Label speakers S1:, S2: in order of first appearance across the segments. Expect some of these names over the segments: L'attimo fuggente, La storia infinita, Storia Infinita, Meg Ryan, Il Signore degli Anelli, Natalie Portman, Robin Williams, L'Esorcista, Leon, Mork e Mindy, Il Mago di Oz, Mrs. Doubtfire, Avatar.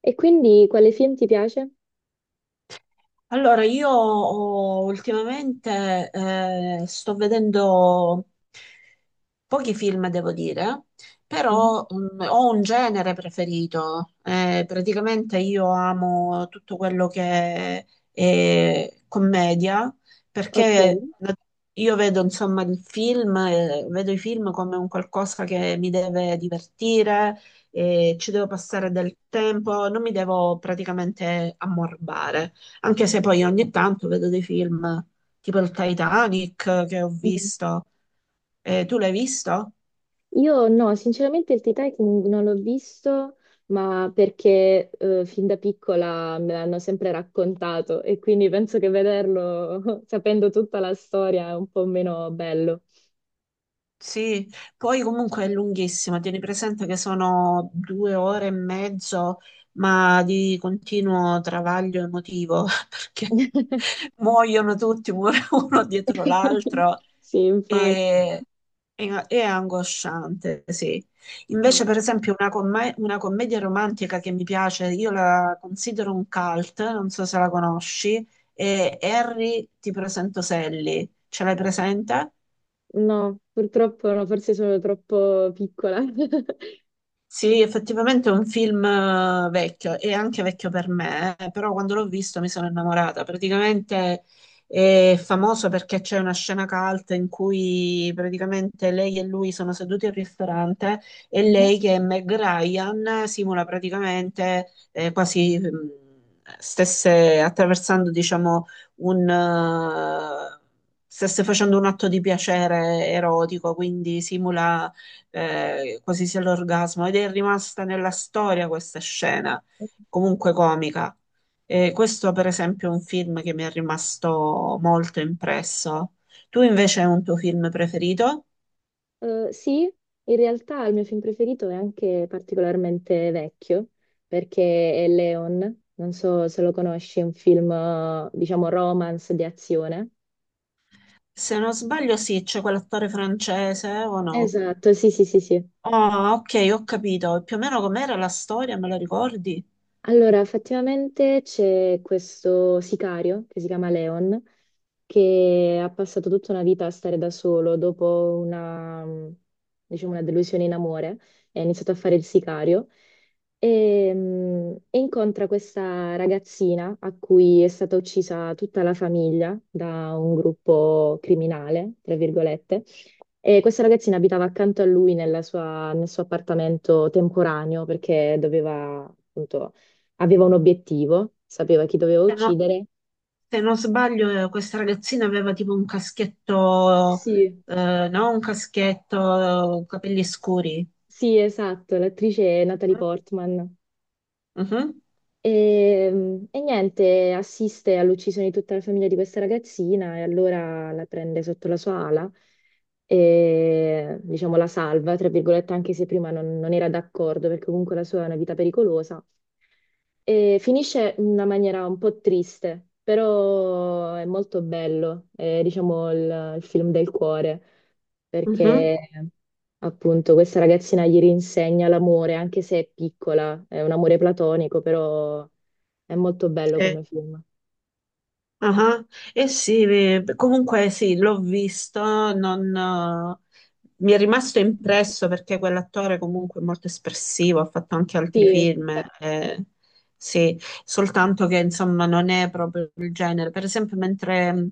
S1: E quindi quale film ti piace?
S2: Allora, ultimamente sto vedendo pochi film, devo dire,
S1: Mhm.
S2: però ho un genere preferito. Praticamente io amo tutto quello che è commedia, perché
S1: Ok.
S2: io vedo, insomma, il film, vedo i film come un qualcosa che mi deve divertire, ci devo passare del tempo, non mi devo praticamente ammorbare. Anche se poi ogni tanto vedo dei film tipo il Titanic che ho
S1: Mm.
S2: visto. Tu l'hai visto?
S1: Io no, sinceramente il Titanic non l'ho visto, ma perché fin da piccola me l'hanno sempre raccontato e quindi penso che vederlo sapendo tutta la storia è un po' meno bello.
S2: Sì, poi comunque è lunghissima, tieni presente che sono 2 ore e mezzo, ma di continuo travaglio emotivo, perché muoiono tutti uno dietro l'altro.
S1: Sì, infatti.
S2: E, e angosciante, sì.
S1: Mm.
S2: Invece, per esempio, una commedia romantica che mi piace, io la considero un cult, non so se la conosci, è Harry, ti presento Sally. Ce l'hai presente?
S1: No, purtroppo no, forse sono troppo piccola.
S2: Sì, effettivamente è un film vecchio e anche vecchio per me, però quando l'ho visto mi sono innamorata. Praticamente è famoso perché c'è una scena cult in cui praticamente lei e lui sono seduti al ristorante e
S1: Mhm.
S2: lei che è Meg Ryan simula praticamente quasi stesse attraversando, diciamo, un... eh, stesse facendo un atto di piacere erotico, quindi simula quasi sia l'orgasmo, ed è rimasta nella storia questa scena, comunque comica. E questo, per esempio, è un film che mi è rimasto molto impresso. Tu invece hai un tuo film preferito?
S1: Sì, in realtà il mio film preferito è anche particolarmente vecchio, perché è Leon, non so se lo conosci, è un film, diciamo, romance di azione.
S2: Se non sbaglio, sì, c'è quell'attore francese o no?
S1: Esatto, sì, sì, sì, sì.
S2: Oh, ok, ho capito. Più o meno com'era la storia, me la ricordi?
S1: Allora, effettivamente c'è questo sicario che si chiama Leon, che ha passato tutta una vita a stare da solo dopo una, mm, diciamo, una delusione in amore, e ha iniziato a fare il sicario e, mm, e incontra questa ragazzina a cui è stata uccisa tutta la famiglia da un gruppo criminale, tra virgolette. E questa ragazzina abitava accanto a lui nel suo appartamento temporaneo perché doveva appunto aveva un obiettivo, sapeva chi doveva
S2: Se, no-
S1: uccidere.
S2: se non sbaglio, questa ragazzina aveva tipo un caschetto,
S1: Sì.
S2: no, un caschetto, capelli scuri.
S1: Sì, esatto, l'attrice è Natalie Portman.
S2: Mhm,
S1: E niente, assiste all'uccisione di tutta la famiglia di questa ragazzina e allora la prende sotto la sua ala e diciamo la salva, tra virgolette, anche se prima non era d'accordo perché comunque la sua è una vita pericolosa. E finisce in una maniera un po' triste, però è molto bello, è diciamo il film del cuore,
S2: mhm,
S1: perché appunto questa ragazzina gli rinsegna l'amore, anche se è piccola, è un amore platonico, però è molto bello
S2: sì.
S1: come film.
S2: Aha. Eh sì, comunque sì, l'ho visto, non, mi è rimasto impresso perché quell'attore comunque è molto espressivo, ha fatto anche altri
S1: Sì,
S2: film, eh, sì, soltanto che insomma non è proprio il genere. Per esempio, mentre mh,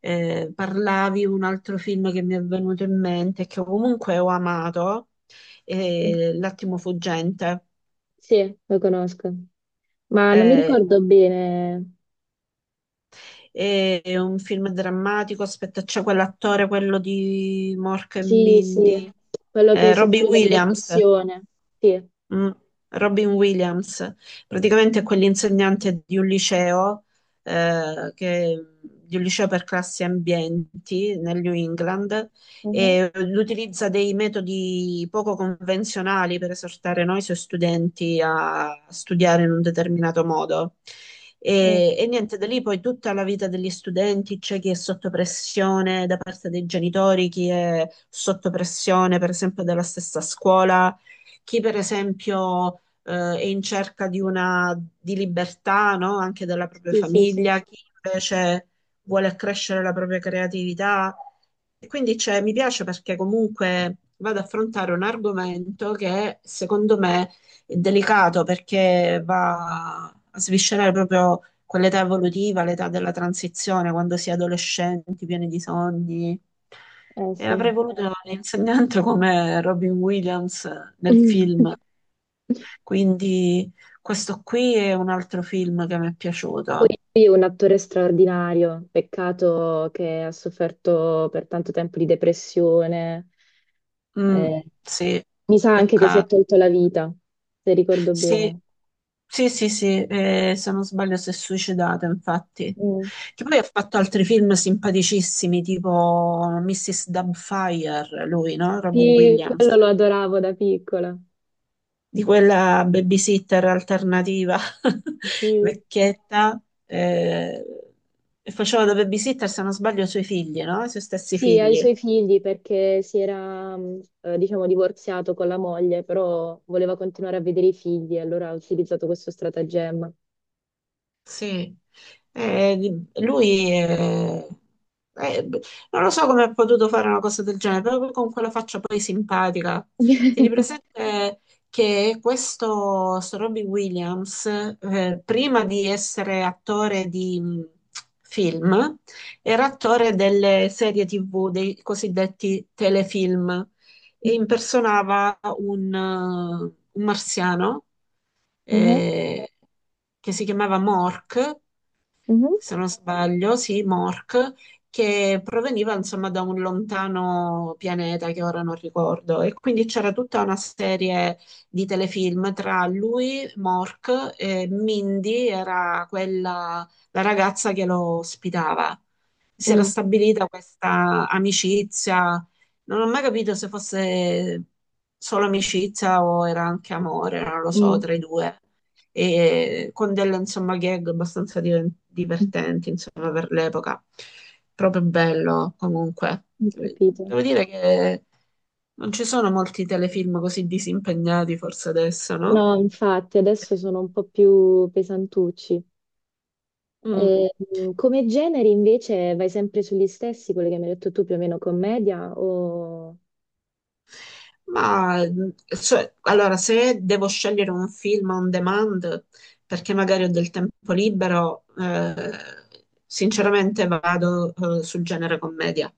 S2: eh, parlavi, un altro film che mi è venuto in mente, che comunque ho amato, è L'attimo fuggente.
S1: sì, lo conosco, ma non mi
S2: Eh,
S1: ricordo bene.
S2: è un film drammatico. Aspetta, c'è quell'attore, quello di Mork e
S1: Sì, sì,
S2: Mindy,
S1: quello che
S2: Robbie
S1: soffriva di
S2: Williams.
S1: depressione. Sì.
S2: Mm, Robin Williams, praticamente è quell'insegnante di un liceo, eh, che- di un liceo per classi ambienti nel New England
S1: Mhm.
S2: e utilizza dei metodi poco convenzionali per esortare noi suoi studenti a studiare in un determinato modo.
S1: Mm.
S2: E niente, da lì poi tutta la vita degli studenti, c'è chi è sotto pressione da parte dei genitori, chi è sotto pressione per esempio dalla stessa scuola, chi per esempio è in cerca di una di libertà, no? Anche della propria
S1: Sì, sì, sì,
S2: famiglia, chi invece vuole accrescere la propria creatività. E quindi cioè, mi piace perché comunque vado ad affrontare un argomento che secondo me è delicato perché va a sviscerare proprio quell'età evolutiva, l'età della transizione, quando si è adolescenti, pieni di sogni.
S1: eh
S2: E
S1: sì.
S2: avrei voluto l'insegnante come Robin Williams nel film. Quindi questo qui è un altro film che mi è
S1: Poi
S2: piaciuto.
S1: è un attore straordinario, peccato che ha sofferto per tanto tempo di depressione.
S2: Mm,
S1: eh,
S2: sì,
S1: mi sa anche che si è
S2: peccato.
S1: tolto la vita, se ricordo
S2: Sì,
S1: bene.
S2: sì, sì, sì, se non sbaglio si è suicidato, infatti.
S1: Mm.
S2: Che poi ha fatto altri film simpaticissimi, tipo Mrs. Doubtfire, lui, no? Robin
S1: Sì, quello
S2: Williams.
S1: lo adoravo da piccola.
S2: Di quella babysitter alternativa
S1: Sì.
S2: vecchietta e faceva da babysitter, se non sbaglio, i suoi figli, no? I suoi stessi
S1: Sì, ai
S2: figli.
S1: suoi figli perché si era, diciamo, divorziato con la moglie, però voleva continuare a vedere i figli e allora ha utilizzato questo stratagemma.
S2: Sì. Di- lui è- b- Non lo so come ha potuto fare una cosa del genere, proprio con quella faccia poi simpatica. Tieni presente che questo sto Robbie Williams, prima di essere attore di film, era attore delle serie TV, dei cosiddetti telefilm, e impersonava un marziano
S1: Mhm.
S2: eh, che si chiamava Mork,
S1: Mhm.
S2: se non sbaglio, sì, Mork, che proveniva insomma da un lontano pianeta che ora non ricordo. E quindi c'era tutta una serie di telefilm tra lui, Mork, e Mindy era quella, la ragazza che lo ospitava. Si era
S1: Mm.
S2: stabilita questa amicizia, non ho mai capito se fosse solo amicizia o era anche amore, non lo so, tra i due, e con delle insomma gag abbastanza
S1: Mm.
S2: divertenti insomma per l'epoca. Proprio bello comunque.
S1: Ho capito.
S2: Devo dire che non ci sono molti telefilm così disimpegnati forse adesso, no?
S1: No, infatti adesso sono un po' più pesantucci.
S2: Mm.
S1: E, come generi invece vai sempre sugli stessi, quelli che mi hai detto tu, più o meno commedia o...
S2: Ma cioè, allora, se devo scegliere un film on demand perché magari ho del tempo libero, sinceramente vado, sul genere commedia.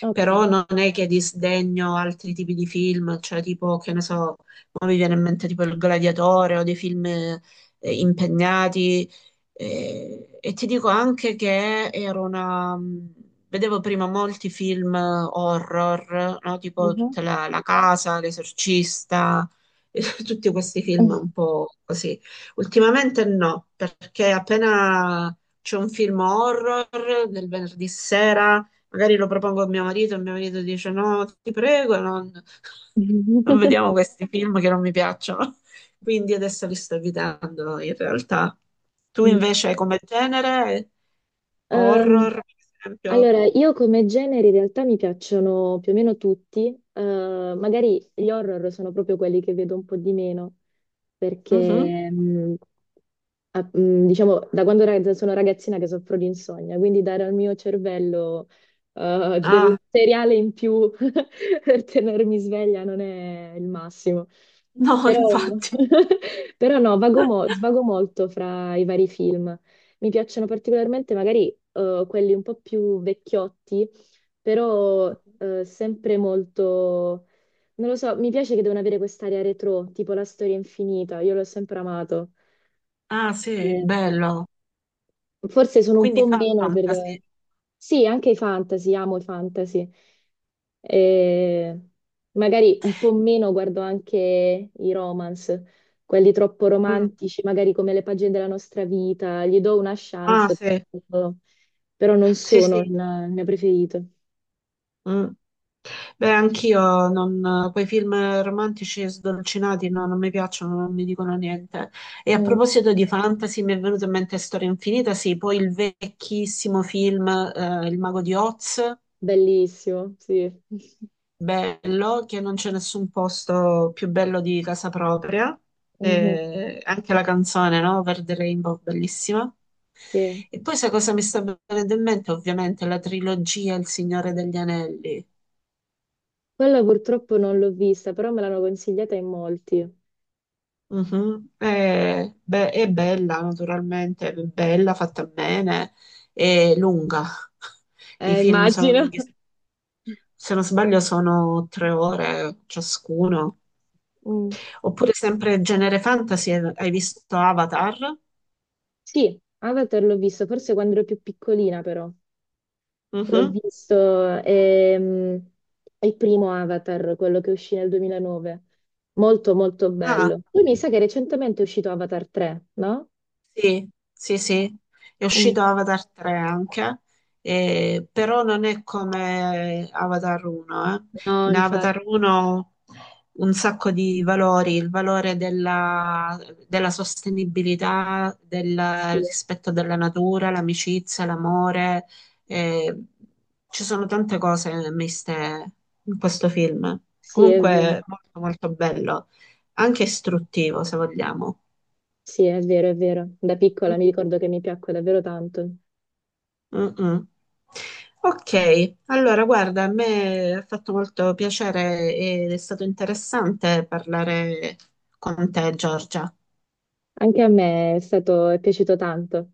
S1: Ok.
S2: Però non è che disdegno altri tipi di film, cioè tipo, che ne so, mo mi viene in mente tipo Il Gladiatore o dei film, impegnati, e ti dico anche che vedevo prima molti film horror, no? Tipo
S1: Mhm.
S2: tutta la casa, L'Esorcista, tutti questi film un po' così. Ultimamente no, perché appena c'è un film horror del venerdì sera, magari lo propongo a mio marito e mio marito dice no, ti prego, non... Non vediamo questi film che non mi piacciono, quindi adesso li sto evitando in realtà. Tu
S1: Mm.
S2: invece come genere, horror,
S1: Ehm,
S2: per esempio?
S1: allora, io come generi in realtà mi piacciono più o meno tutti. Eh, magari gli horror sono proprio quelli che vedo un po' di meno,
S2: Mhm.
S1: perché diciamo, da quando sono ragazzina che soffro di insonnia, quindi dare al mio cervello del
S2: Ah,
S1: materiale in più per tenermi sveglia non è il massimo.
S2: no,
S1: Però,
S2: infatti.
S1: però no, svago molto fra i vari film. Mi piacciono particolarmente magari quelli un po' più vecchiotti, però sempre molto... Non lo so, mi piace che devono avere quest'area retro, tipo La storia infinita, io l'ho sempre amato.
S2: Ah, sì,
S1: Eh,
S2: bello.
S1: Forse sono un
S2: Quindi
S1: po' meno per...
S2: fantasy.
S1: Sì, anche i fantasy, amo i fantasy. E magari un po' meno guardo anche i romance, quelli troppo
S2: Mm.
S1: romantici, magari come le pagine della nostra vita. Gli do una
S2: Ah,
S1: chance,
S2: sì.
S1: però però non
S2: Sì,
S1: sono il
S2: sì.
S1: il mio preferito.
S2: Mm. Beh, anch'io non, quei film romantici e sdolcinati no, non mi piacciono, non mi dicono niente. E a
S1: Mm,
S2: proposito di fantasy, mi è venuta in mente Storia Infinita, sì, poi il vecchissimo film Il Mago di Oz,
S1: bellissimo, sì.
S2: bello, che non c'è nessun posto più bello di casa propria.
S1: Mhm,
S2: Anche la canzone, no? Verde Rainbow, bellissima.
S1: sì.
S2: E poi sai cosa mi sta venendo in mente? Ovviamente la trilogia Il Signore degli Anelli.
S1: Quella purtroppo non l'ho vista, però me l'hanno consigliata in molti.
S2: Mhm. È bella, naturalmente, è bella, fatta bene, è lunga. I film sono
S1: Immagino.
S2: lunghi, se non sbaglio sono 3 ore ciascuno.
S1: Mm.
S2: Oppure sempre genere fantasy, hai visto Avatar?
S1: Sì, Avatar l'ho visto, forse quando ero più piccolina però. L'ho
S2: Mhm.
S1: visto, ehm, il primo Avatar, quello che uscì nel 2009. Molto, molto
S2: Ah.
S1: bello. Poi mi sa che recentemente è uscito Avatar 3, no?
S2: Sì, sì, sì, è
S1: Mm.
S2: uscito Avatar 3 anche, però non è come Avatar 1.
S1: No,
S2: In Avatar
S1: infatti,
S2: 1 un sacco di valori, il valore della sostenibilità, del
S1: sì,
S2: rispetto della natura, l'amicizia, l'amore, eh, ci sono tante cose miste in questo film.
S1: sì, è vero.
S2: Comunque molto molto bello, anche istruttivo se vogliamo.
S1: Sì, è vero, è vero. Da
S2: Mm?
S1: piccola mi ricordo che mi piacque davvero tanto.
S2: Mm-mm. Ok, allora guarda, a me ha fatto molto piacere ed è stato interessante parlare con te, Giorgia.
S1: Anche a me è stato, è piaciuto tanto.